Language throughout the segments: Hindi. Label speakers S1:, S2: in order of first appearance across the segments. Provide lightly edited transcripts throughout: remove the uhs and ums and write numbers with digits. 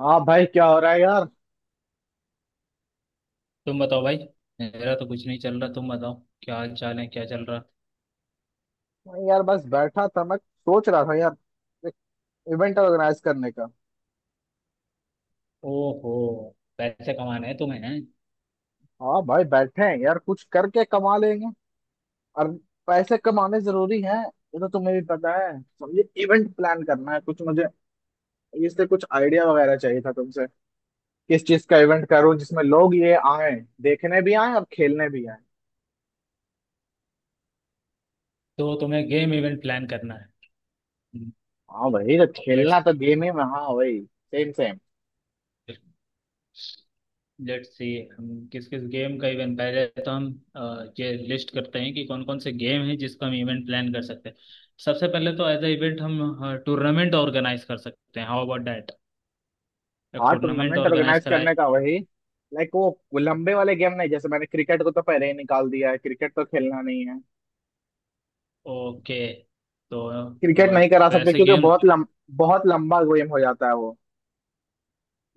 S1: हाँ भाई, क्या हो रहा है यार।
S2: तुम बताओ भाई। मेरा तो कुछ नहीं चल रहा, तुम बताओ। क्या हाल चाल है? क्या चल रहा?
S1: मैं यार बस बैठा था, मैं सोच रहा था यार एक इवेंट ऑर्गेनाइज करने का।
S2: ओहो, पैसे कमाने हैं तुम्हें? हैं
S1: हाँ भाई, बैठे हैं यार, कुछ करके कमा लेंगे। और पैसे कमाने जरूरी हैं, ये तो तुम्हें भी पता है, समझे, इवेंट प्लान करना है कुछ मुझे। इससे कुछ आइडिया वगैरह चाहिए था तुमसे। किस चीज का इवेंट करूं जिसमें लोग ये आए, देखने भी आए और खेलने भी आए।
S2: तो तुम्हें गेम इवेंट प्लान करना है।
S1: हाँ भाई, तो
S2: लेट्स,
S1: खेलना तो गेम ही में, हाँ भाई। Same same.
S2: Let's see. हम किस किस गेम का इवेंट पहले तो हम ये लिस्ट करते हैं कि कौन कौन से गेम हैं जिसका हम इवेंट प्लान कर सकते हैं। सबसे पहले तो एज अ इवेंट हम टूर्नामेंट ऑर्गेनाइज कर सकते हैं। How about that? एक
S1: हाँ,
S2: टूर्नामेंट
S1: टूर्नामेंट
S2: ऑर्गेनाइज
S1: ऑर्गेनाइज
S2: कराए।
S1: करने का वही, लाइक वो लंबे वाले गेम नहीं। जैसे मैंने क्रिकेट को तो पहले ही निकाल दिया है, क्रिकेट तो खेलना नहीं है।
S2: ओके तो
S1: क्रिकेट
S2: अ,
S1: नहीं करा सकते
S2: वैसे
S1: क्योंकि
S2: गेम
S1: बहुत बहुत लंबा गेम हो जाता है वो।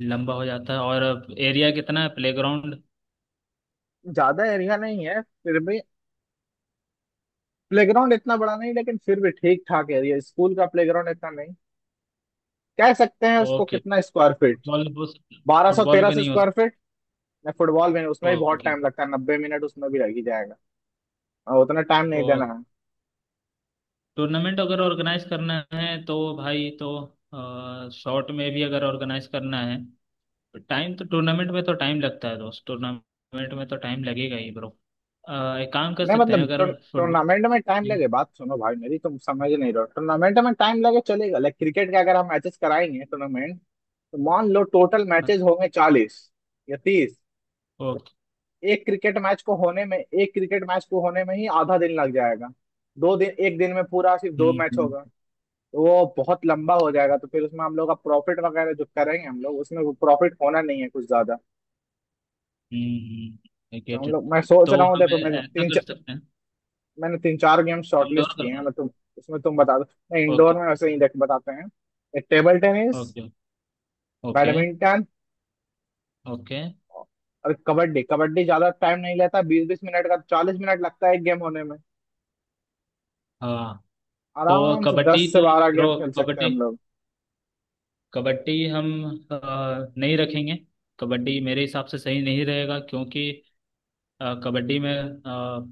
S2: लंबा हो जाता है, और एरिया कितना है, प्लेग्राउंड?
S1: ज्यादा एरिया नहीं है, फिर भी। प्लेग्राउंड इतना बड़ा नहीं, लेकिन फिर भी ठीक ठाक एरिया। स्कूल का प्लेग्राउंड इतना नहीं कह सकते हैं उसको।
S2: ओके,
S1: कितना स्क्वायर फीट?
S2: फुटबॉल हो सकता?
S1: बारह सौ
S2: फुटबॉल
S1: तेरह
S2: भी
S1: सौ
S2: नहीं हो
S1: स्क्वायर
S2: सकता।
S1: फीट। फुटबॉल में, उसमें भी बहुत
S2: ओके।
S1: टाइम लगता है, 90 मिनट उसमें भी लग ही जाएगा। और उतना टाइम नहीं
S2: ओ,
S1: देना है।
S2: टूर्नामेंट अगर ऑर्गेनाइज करना है तो भाई, तो शॉर्ट में भी अगर ऑर्गेनाइज करना है तो टाइम तो, टूर्नामेंट में तो टाइम लगता है दोस्त, टूर्नामेंट में तो टाइम लगेगा ही ब्रो। एक काम कर
S1: नहीं,
S2: सकते हैं
S1: मतलब
S2: अगर फुटबॉल
S1: टूर्नामेंट में टाइम
S2: नहीं।
S1: लगे, बात सुनो भाई मेरी, तुम समझ नहीं रहे हो। टूर्नामेंट में टाइम लगे चलेगा, लाइक क्रिकेट के अगर हम मैचेस कराएंगे टूर्नामेंट, तो मान लो टोटल मैचेस होंगे 40 या 30। एक क्रिकेट मैच को होने में ही आधा दिन लग जाएगा। दो दिन, एक दिन में पूरा सिर्फ दो मैच होगा। तो वो बहुत लंबा हो जाएगा। तो फिर उसमें हम लोग का प्रॉफिट वगैरह जो करेंगे हम लोग, उसमें वो प्रॉफिट होना नहीं है कुछ ज्यादा।
S2: ओके,
S1: तो
S2: गेट
S1: हम
S2: इट।
S1: लोग, मैं सोच
S2: तो
S1: रहा हूँ,
S2: हम
S1: देखो,
S2: ऐसा कर सकते हैं,
S1: मैंने तीन चार गेम शॉर्टलिस्ट
S2: इंडोर
S1: किए हैं,
S2: करना।
S1: मतलब उसमें तुम बता दो। मैं इंडोर
S2: ओके।
S1: में वैसे ही देख, बताते हैं, table tennis,
S2: okay. Okay.
S1: Badminton
S2: okay.
S1: और कबड्डी। कबड्डी ज्यादा टाइम नहीं लेता, 20-20 मिनट का, 40 मिनट लगता है एक गेम होने में।
S2: हाँ। तो
S1: आराम से
S2: कबड्डी
S1: दस से
S2: तो
S1: बारह गेम
S2: रो
S1: खेल सकते हैं
S2: कबड्डी,
S1: हम लोग।
S2: कबड्डी हम अ, नहीं रखेंगे। कबड्डी मेरे हिसाब से सही नहीं रहेगा क्योंकि कबड्डी में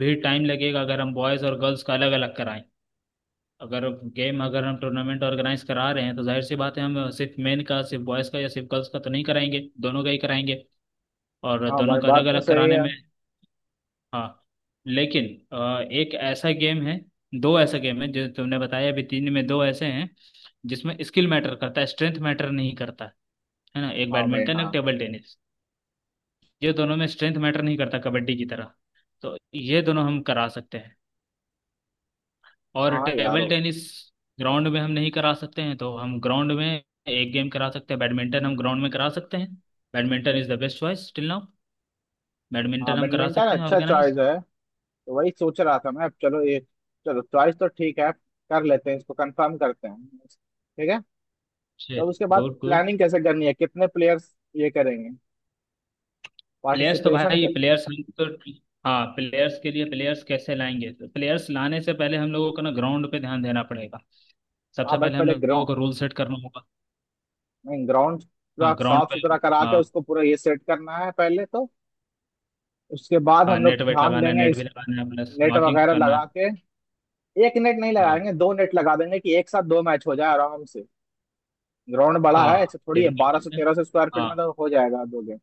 S2: भी टाइम लगेगा अगर हम बॉयज़ और गर्ल्स का अलग अलग कराएं। अगर गेम अगर हम टूर्नामेंट ऑर्गेनाइज करा रहे हैं तो जाहिर सी बात है, हम सिर्फ मेन का, सिर्फ बॉयज़ का या सिर्फ गर्ल्स का तो नहीं कराएंगे, दोनों का ही कराएंगे। और
S1: हाँ
S2: दोनों
S1: भाई,
S2: का
S1: बात
S2: अलग
S1: तो
S2: अलग
S1: सही
S2: कराने
S1: है।
S2: में, हाँ, लेकिन एक ऐसा गेम है, दो ऐसा गेम है जो तुमने बताया अभी, तीन में दो ऐसे हैं जिसमें स्किल मैटर करता है, स्ट्रेंथ मैटर नहीं करता, है ना? एक
S1: हाँ भाई,
S2: बैडमिंटन, एक
S1: हाँ।
S2: Table tennis. ये दोनों में स्ट्रेंथ मैटर नहीं करता कबड्डी की तरह। तो ये दोनों हम करा सकते हैं। और
S1: हाँ यार।
S2: टेबल टेनिस ग्राउंड में हम नहीं करा सकते हैं, तो हम ग्राउंड में एक गेम करा सकते हैं, बैडमिंटन हम ग्राउंड में करा सकते हैं। Badminton is the best choice till now.
S1: हाँ,
S2: बैडमिंटन हम करा
S1: बैडमिंटन
S2: सकते हैं
S1: अच्छा चॉइस
S2: ऑर्गेनाइज।
S1: है। तो वही सोच रहा था मैं। अब चलो ये, चलो चॉइस तो ठीक है, कर लेते हैं, इसको कंफर्म करते हैं, ठीक है। तब उसके बाद
S2: गुड, गुड।
S1: प्लानिंग कैसे करनी है, कितने प्लेयर्स ये करेंगे
S2: प्लेयर्स तो
S1: पार्टिसिपेशन
S2: भाई,
S1: के।
S2: प्लेयर्स हम तो, हाँ, प्लेयर्स के लिए प्लेयर्स कैसे लाएंगे? तो प्लेयर्स लाने से पहले हम लोगों को ना ग्राउंड पे ध्यान देना पड़ेगा।
S1: हाँ,
S2: सबसे
S1: बट
S2: पहले हम
S1: पहले
S2: लोगों
S1: ग्राउंड,
S2: को रूल सेट करना होगा।
S1: ग्राउंड पूरा
S2: हाँ, ग्राउंड
S1: साफ
S2: पे।
S1: सुथरा करा के
S2: हाँ।
S1: उसको पूरा ये सेट करना है पहले तो। उसके बाद
S2: हाँ,
S1: हम लोग
S2: नेट वेट
S1: ध्यान
S2: लगाना है,
S1: देंगे
S2: नेट भी
S1: इस।
S2: लगाना है, प्लस
S1: नेट
S2: मार्किंग
S1: वगैरह
S2: करना है।
S1: लगा के, एक नेट नहीं
S2: हाँ।
S1: लगाएंगे, दो नेट लगा देंगे कि एक साथ दो मैच हो जाए आराम से। ग्राउंड बड़ा है
S2: हाँ,
S1: ऐसे थोड़ी
S2: ये
S1: है,
S2: भी
S1: बारह
S2: कर
S1: सौ
S2: सकते हैं।
S1: तेरह सौ स्क्वायर फीट में
S2: हाँ,
S1: तो हो जाएगा दो गेम।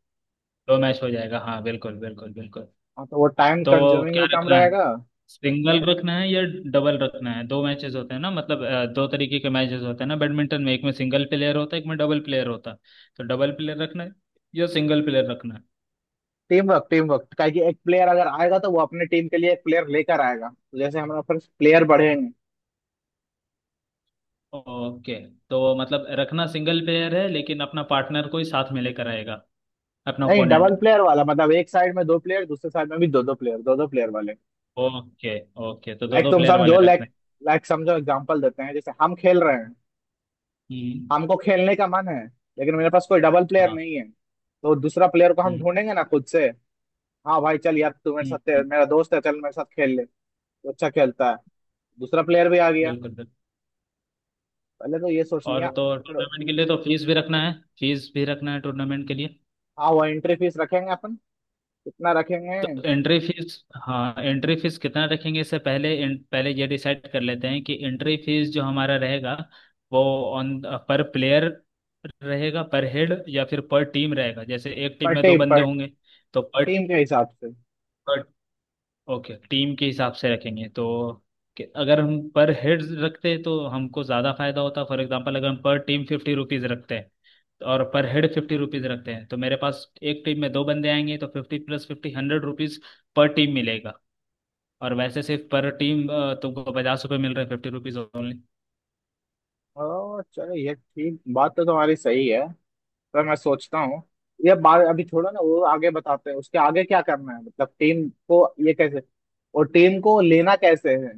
S2: दो मैच हो जाएगा, हाँ, बिल्कुल बिल्कुल बिल्कुल।
S1: हाँ, तो वो टाइम
S2: तो
S1: कंज्यूमिंग
S2: क्या
S1: भी कम
S2: रखना है,
S1: रहेगा।
S2: सिंगल रखना है या डबल रखना है? दो मैचेस होते हैं ना, मतलब दो तरीके के मैचेस होते हैं ना बैडमिंटन में, एक में सिंगल प्लेयर होता है, एक में डबल प्लेयर होता है। तो डबल प्लेयर रखना है या सिंगल प्लेयर रखना है?
S1: टीम वर्क, टीम वर्क क्या कि एक प्लेयर अगर आएगा तो वो अपने टीम के लिए एक प्लेयर लेकर आएगा, तो जैसे हमारे पास प्लेयर बढ़ेंगे।
S2: ओके। तो मतलब रखना सिंगल प्लेयर है, लेकिन अपना पार्टनर को ही साथ में लेकर आएगा, अपना
S1: नहीं,
S2: ओपोनेंट।
S1: डबल प्लेयर वाला, मतलब एक साइड में दो प्लेयर, दूसरे साइड में भी दो दो प्लेयर, दो दो प्लेयर वाले।
S2: ओके। ओके, तो दो
S1: लाइक
S2: दो
S1: तुम
S2: प्लेयर वाले
S1: समझो, लाइक
S2: रखने।
S1: लाइक समझो, एग्जांपल देते हैं, जैसे हम खेल रहे हैं।
S2: हम्म।
S1: हमको खेलने का मन है, लेकिन मेरे पास कोई डबल प्लेयर
S2: हाँ।
S1: नहीं है, तो दूसरा प्लेयर को हम
S2: हम्म।
S1: ढूंढेंगे ना खुद से। हाँ भाई, चल यार तू मेरे
S2: हम्म।
S1: साथ, मेरा दोस्त है, चल मेरे साथ खेल ले। तो अच्छा खेलता है, दूसरा प्लेयर भी आ गया।
S2: बिल्कुल बिल्कुल।
S1: पहले तो ये सोच
S2: और
S1: लिया।
S2: तो
S1: फिर
S2: टूर्नामेंट के लिए तो फीस भी रखना है। फीस भी रखना है टूर्नामेंट के लिए।
S1: हाँ, वो एंट्री फीस रखेंगे अपन। कितना रखेंगे?
S2: तो एंट्री फीस, हाँ, एंट्री फीस कितना रखेंगे, इससे पहले पहले ये डिसाइड कर लेते हैं कि एंट्री फीस जो हमारा रहेगा, वो ऑन पर प्लेयर रहेगा, पर हेड, या फिर पर टीम रहेगा, जैसे एक टीम
S1: पर
S2: में दो
S1: टीम,
S2: बंदे
S1: पर
S2: होंगे। तो पर
S1: टीम के हिसाब से।
S2: पर ओके, टीम के हिसाब से रखेंगे तो, कि अगर हम पर हेड रखते तो हमको ज़्यादा फायदा होता। फॉर एग्जांपल, अगर हम पर टीम ₹50 रखते हैं और पर हेड ₹50 रखते हैं, तो मेरे पास एक टीम में दो बंदे आएंगे, तो 50 + 50 ₹100 पर टीम मिलेगा। और वैसे सिर्फ पर टीम तुमको ₹50 मिल रहे हैं, ₹50 ओनली।
S1: ओ चलो, ये ठीक, बात तो तुम्हारी सही है सर, मैं सोचता हूँ। ये बात अभी छोड़ो ना, वो आगे बताते हैं, उसके आगे क्या करना है। मतलब टीम को ये कैसे, और टीम को लेना कैसे है,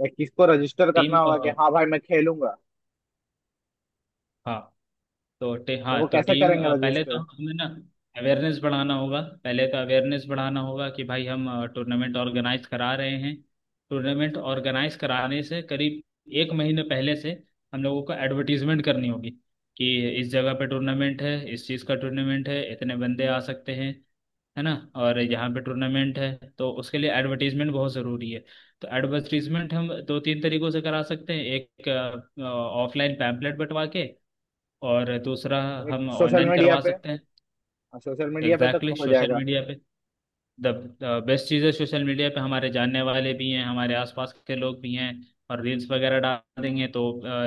S1: लाइक किसको रजिस्टर
S2: टीम,
S1: करना होगा कि हाँ भाई, मैं खेलूंगा।
S2: हाँ तो
S1: तो
S2: हाँ
S1: वो
S2: तो
S1: कैसे
S2: टीम
S1: करेंगे
S2: पहले तो
S1: रजिस्टर?
S2: हमें ना अवेयरनेस बढ़ाना होगा, पहले तो अवेयरनेस बढ़ाना होगा कि भाई हम टूर्नामेंट ऑर्गेनाइज करा रहे हैं। टूर्नामेंट ऑर्गेनाइज कराने से करीब 1 महीने पहले से हम लोगों को एडवर्टीजमेंट करनी होगी, कि इस जगह पे टूर्नामेंट है, इस चीज़ का टूर्नामेंट है, इतने बंदे आ सकते हैं, है ना, और यहाँ पे टूर्नामेंट है। तो उसके लिए एडवर्टीजमेंट बहुत ज़रूरी है। तो एडवर्टीजमेंट हम दो तीन तरीकों से करा सकते हैं। एक, ऑफलाइन पैम्पलेट बंटवा के, और दूसरा,
S1: एक
S2: हम
S1: सोशल
S2: ऑनलाइन
S1: मीडिया
S2: करवा
S1: पे।
S2: सकते हैं।
S1: हाँ, सोशल मीडिया पे
S2: एग्जैक्टली,
S1: तो हो
S2: सोशल
S1: जाएगा।
S2: मीडिया पे द बेस्ट चीज़ है। सोशल मीडिया पे हमारे जानने वाले भी हैं, हमारे आसपास के लोग भी हैं, और रील्स वगैरह डाल देंगे तो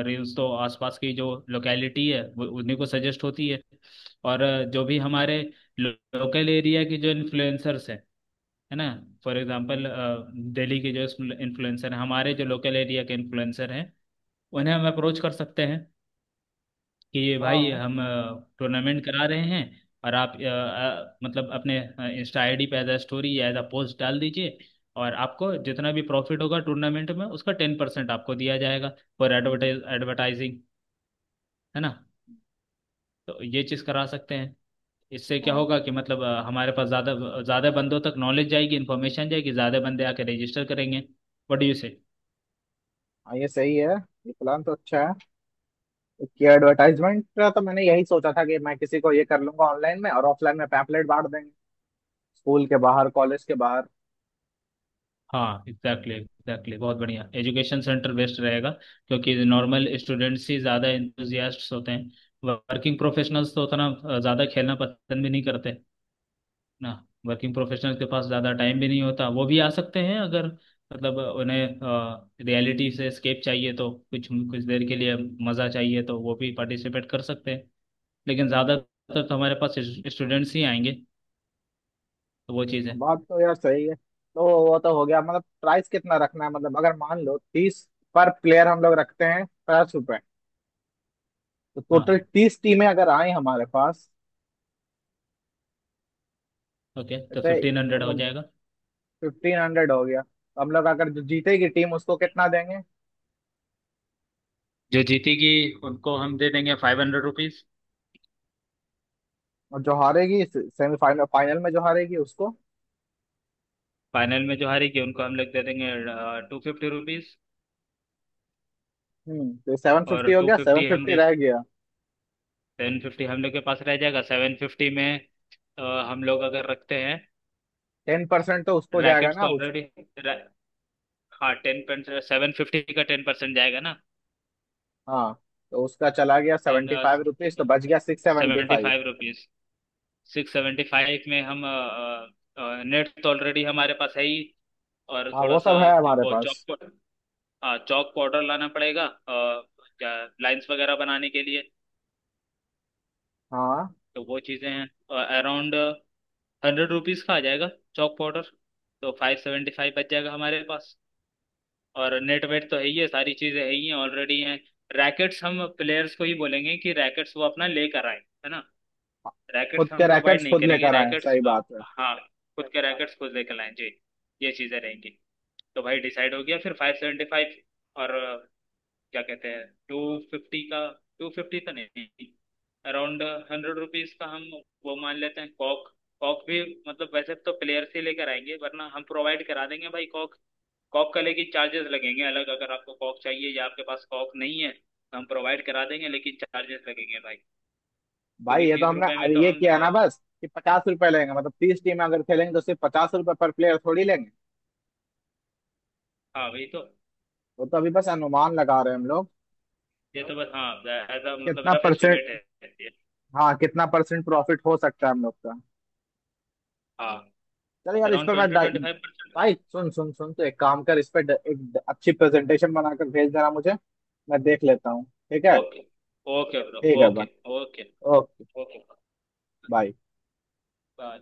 S2: रील्स तो आसपास की जो लोकेलिटी है वो उन्हीं को सजेस्ट होती है। और जो भी हमारे लोकल एरिया के जो इन्फ्लुएंसर्स हैं, है ना, फॉर एग्जांपल दिल्ली के जो इन्फ्लुएंसर हैं, हमारे जो लोकल एरिया के इन्फ्लुएंसर हैं, उन्हें हम अप्रोच कर सकते हैं, कि भाई
S1: हाँ।
S2: हम टूर्नामेंट करा रहे हैं, और आप मतलब अपने इंस्टा आईडी पे as a story, as a post डाल दीजिए, और आपको जितना भी प्रॉफिट होगा टूर्नामेंट में उसका 10% आपको दिया जाएगा, फॉर एडवर्टाइज, एडवर्टाइजिंग, है ना। तो ये चीज़ करा सकते हैं। इससे क्या
S1: हाँ।
S2: होगा कि मतलब हमारे पास ज़्यादा ज़्यादा बंदों तक नॉलेज जाएगी, इन्फॉर्मेशन जाएगी, ज़्यादा बंदे आके रजिस्टर करेंगे। What do you say?
S1: हाँ, ये सही है। ये प्लान तो अच्छा है, कि एडवर्टाइजमेंट का तो मैंने यही सोचा था कि मैं किसी को ये कर लूंगा ऑनलाइन में, और ऑफलाइन में पैम्फलेट बांट देंगे, स्कूल के बाहर, कॉलेज के बाहर।
S2: हाँ, एग्जैक्टली एग्जैक्टली, बहुत बढ़िया, एजुकेशन सेंटर बेस्ट रहेगा क्योंकि नॉर्मल स्टूडेंट्स ही ज़्यादा इंथुजियास्ट्स होते हैं। वर्किंग प्रोफेशनल्स तो उतना ज़्यादा खेलना पसंद भी नहीं करते ना, वर्किंग प्रोफेशनल्स के पास ज़्यादा टाइम भी नहीं होता। वो भी आ सकते हैं अगर, मतलब उन्हें रियलिटी से स्केप चाहिए तो, कुछ कुछ देर के लिए मज़ा चाहिए तो, वो भी पार्टिसिपेट कर सकते हैं। लेकिन ज़्यादातर तो हमारे पास स्टूडेंट्स ही आएंगे, तो वो चीज़ है।
S1: बात तो यार सही है। तो वो तो हो गया, मतलब प्राइस कितना रखना है। मतलब अगर मान लो 30 पर प्लेयर हम लोग रखते हैं, 50 रुपए। तो टोटल
S2: हाँ।
S1: 30 टीमें अगर आए हमारे पास।
S2: ओके, तो 1500 हो
S1: तो
S2: जाएगा।
S1: 1500 हो गया, तो हम लोग अगर, जो जीतेगी टीम उसको कितना देंगे।
S2: जो जीतेगी, उनको हम दे देंगे ₹500।
S1: और जो हारेगी सेमीफाइनल, फाइनल में जो हारेगी उसको?
S2: फाइनल में जो हारेगी, उनको हम लोग दे देंगे ₹250।
S1: तो 750
S2: और
S1: हो
S2: टू
S1: गया, सेवन
S2: फिफ्टी हम
S1: फिफ्टी
S2: दे,
S1: रह गया।
S2: 750 हम लोग के पास रह जाएगा। 750 में अ, हम लोग अगर रखते हैं,
S1: 10% तो उसको जाएगा
S2: रैकेट्स तो
S1: ना, उस।
S2: ऑलरेडी, हाँ, 10%, 750 का 10% जाएगा ना।
S1: हाँ, तो उसका चला गया
S2: टेन
S1: 75 रुपीज, तो बच गया six seventy
S2: seventy
S1: five
S2: five rupees 675 में हम नेट तो ऑलरेडी हमारे पास है ही, और
S1: हाँ,
S2: थोड़ा
S1: वो
S2: सा
S1: सब है हमारे
S2: वो
S1: पास।
S2: चौक, हाँ, चौक पाउडर लाना पड़ेगा और क्या, लाइंस वगैरह बनाने के लिए।
S1: हाँ,
S2: तो वो चीज़ें हैं अराउंड ₹100 का आ जाएगा चौक पाउडर। तो 575 बच जाएगा हमारे पास। और नेट वेट तो है ही है, सारी चीज़ें है ही हैं, ऑलरेडी हैं। रैकेट्स हम प्लेयर्स को ही बोलेंगे कि रैकेट्स वो अपना लेकर आए, है ना।
S1: खुद
S2: रैकेट्स हम
S1: के
S2: प्रोवाइड
S1: रैकेट्स
S2: नहीं
S1: खुद
S2: करेंगे
S1: लेकर आए,
S2: रैकेट्स,
S1: सही बात है।
S2: हाँ। खुद के अच्छा रैकेट्स खुद लेकर लाएं जी, ये चीज़ें रहेंगी। तो भाई डिसाइड हो गया फिर, 575। और क्या कहते हैं 250 का, 250 तो नहीं, अराउंड ₹100 का हम वो मान लेते हैं कॉक। कॉक भी मतलब वैसे तो प्लेयर से लेकर आएंगे, वरना हम प्रोवाइड करा देंगे भाई कॉक। कॉक का लेकिन चार्जेस लगेंगे अलग, अगर आपको कॉक चाहिए या आपके पास कॉक नहीं है तो हम प्रोवाइड करा देंगे लेकिन चार्जेस लगेंगे भाई।
S1: भाई,
S2: क्योंकि
S1: ये तो
S2: तीस
S1: हमने
S2: रुपए में
S1: अरे
S2: तो
S1: ये
S2: हम
S1: किया ना बस कि 50 रुपए लेंगे। मतलब 30 टीम अगर खेलेंगे तो सिर्फ 50 रुपए पर प्लेयर थोड़ी लेंगे।
S2: हाँ वही तो,
S1: वो तो अभी बस अनुमान लगा रहे हैं हम लोग।
S2: ये तो बस, हाँ, एज अ मतलब
S1: कितना
S2: रफ
S1: परसेंट?
S2: एस्टिमेट है ये।
S1: हाँ, कितना परसेंट प्रॉफिट हो सकता है हम लोग का।
S2: हाँ
S1: चल यार, इस
S2: अराउंड
S1: पर
S2: ट्वेंटी ट्वेंटी फाइव परसेंट
S1: भाई सुन सुन सुन, तो एक काम कर, इस पर अच्छी प्रेजेंटेशन बनाकर भेज देना मुझे। मैं देख लेता हूँ, ठीक है।
S2: ओके। ओके ब्रो,
S1: ठीक है भाई,
S2: okay. Okay.
S1: Okay.
S2: Okay
S1: bye.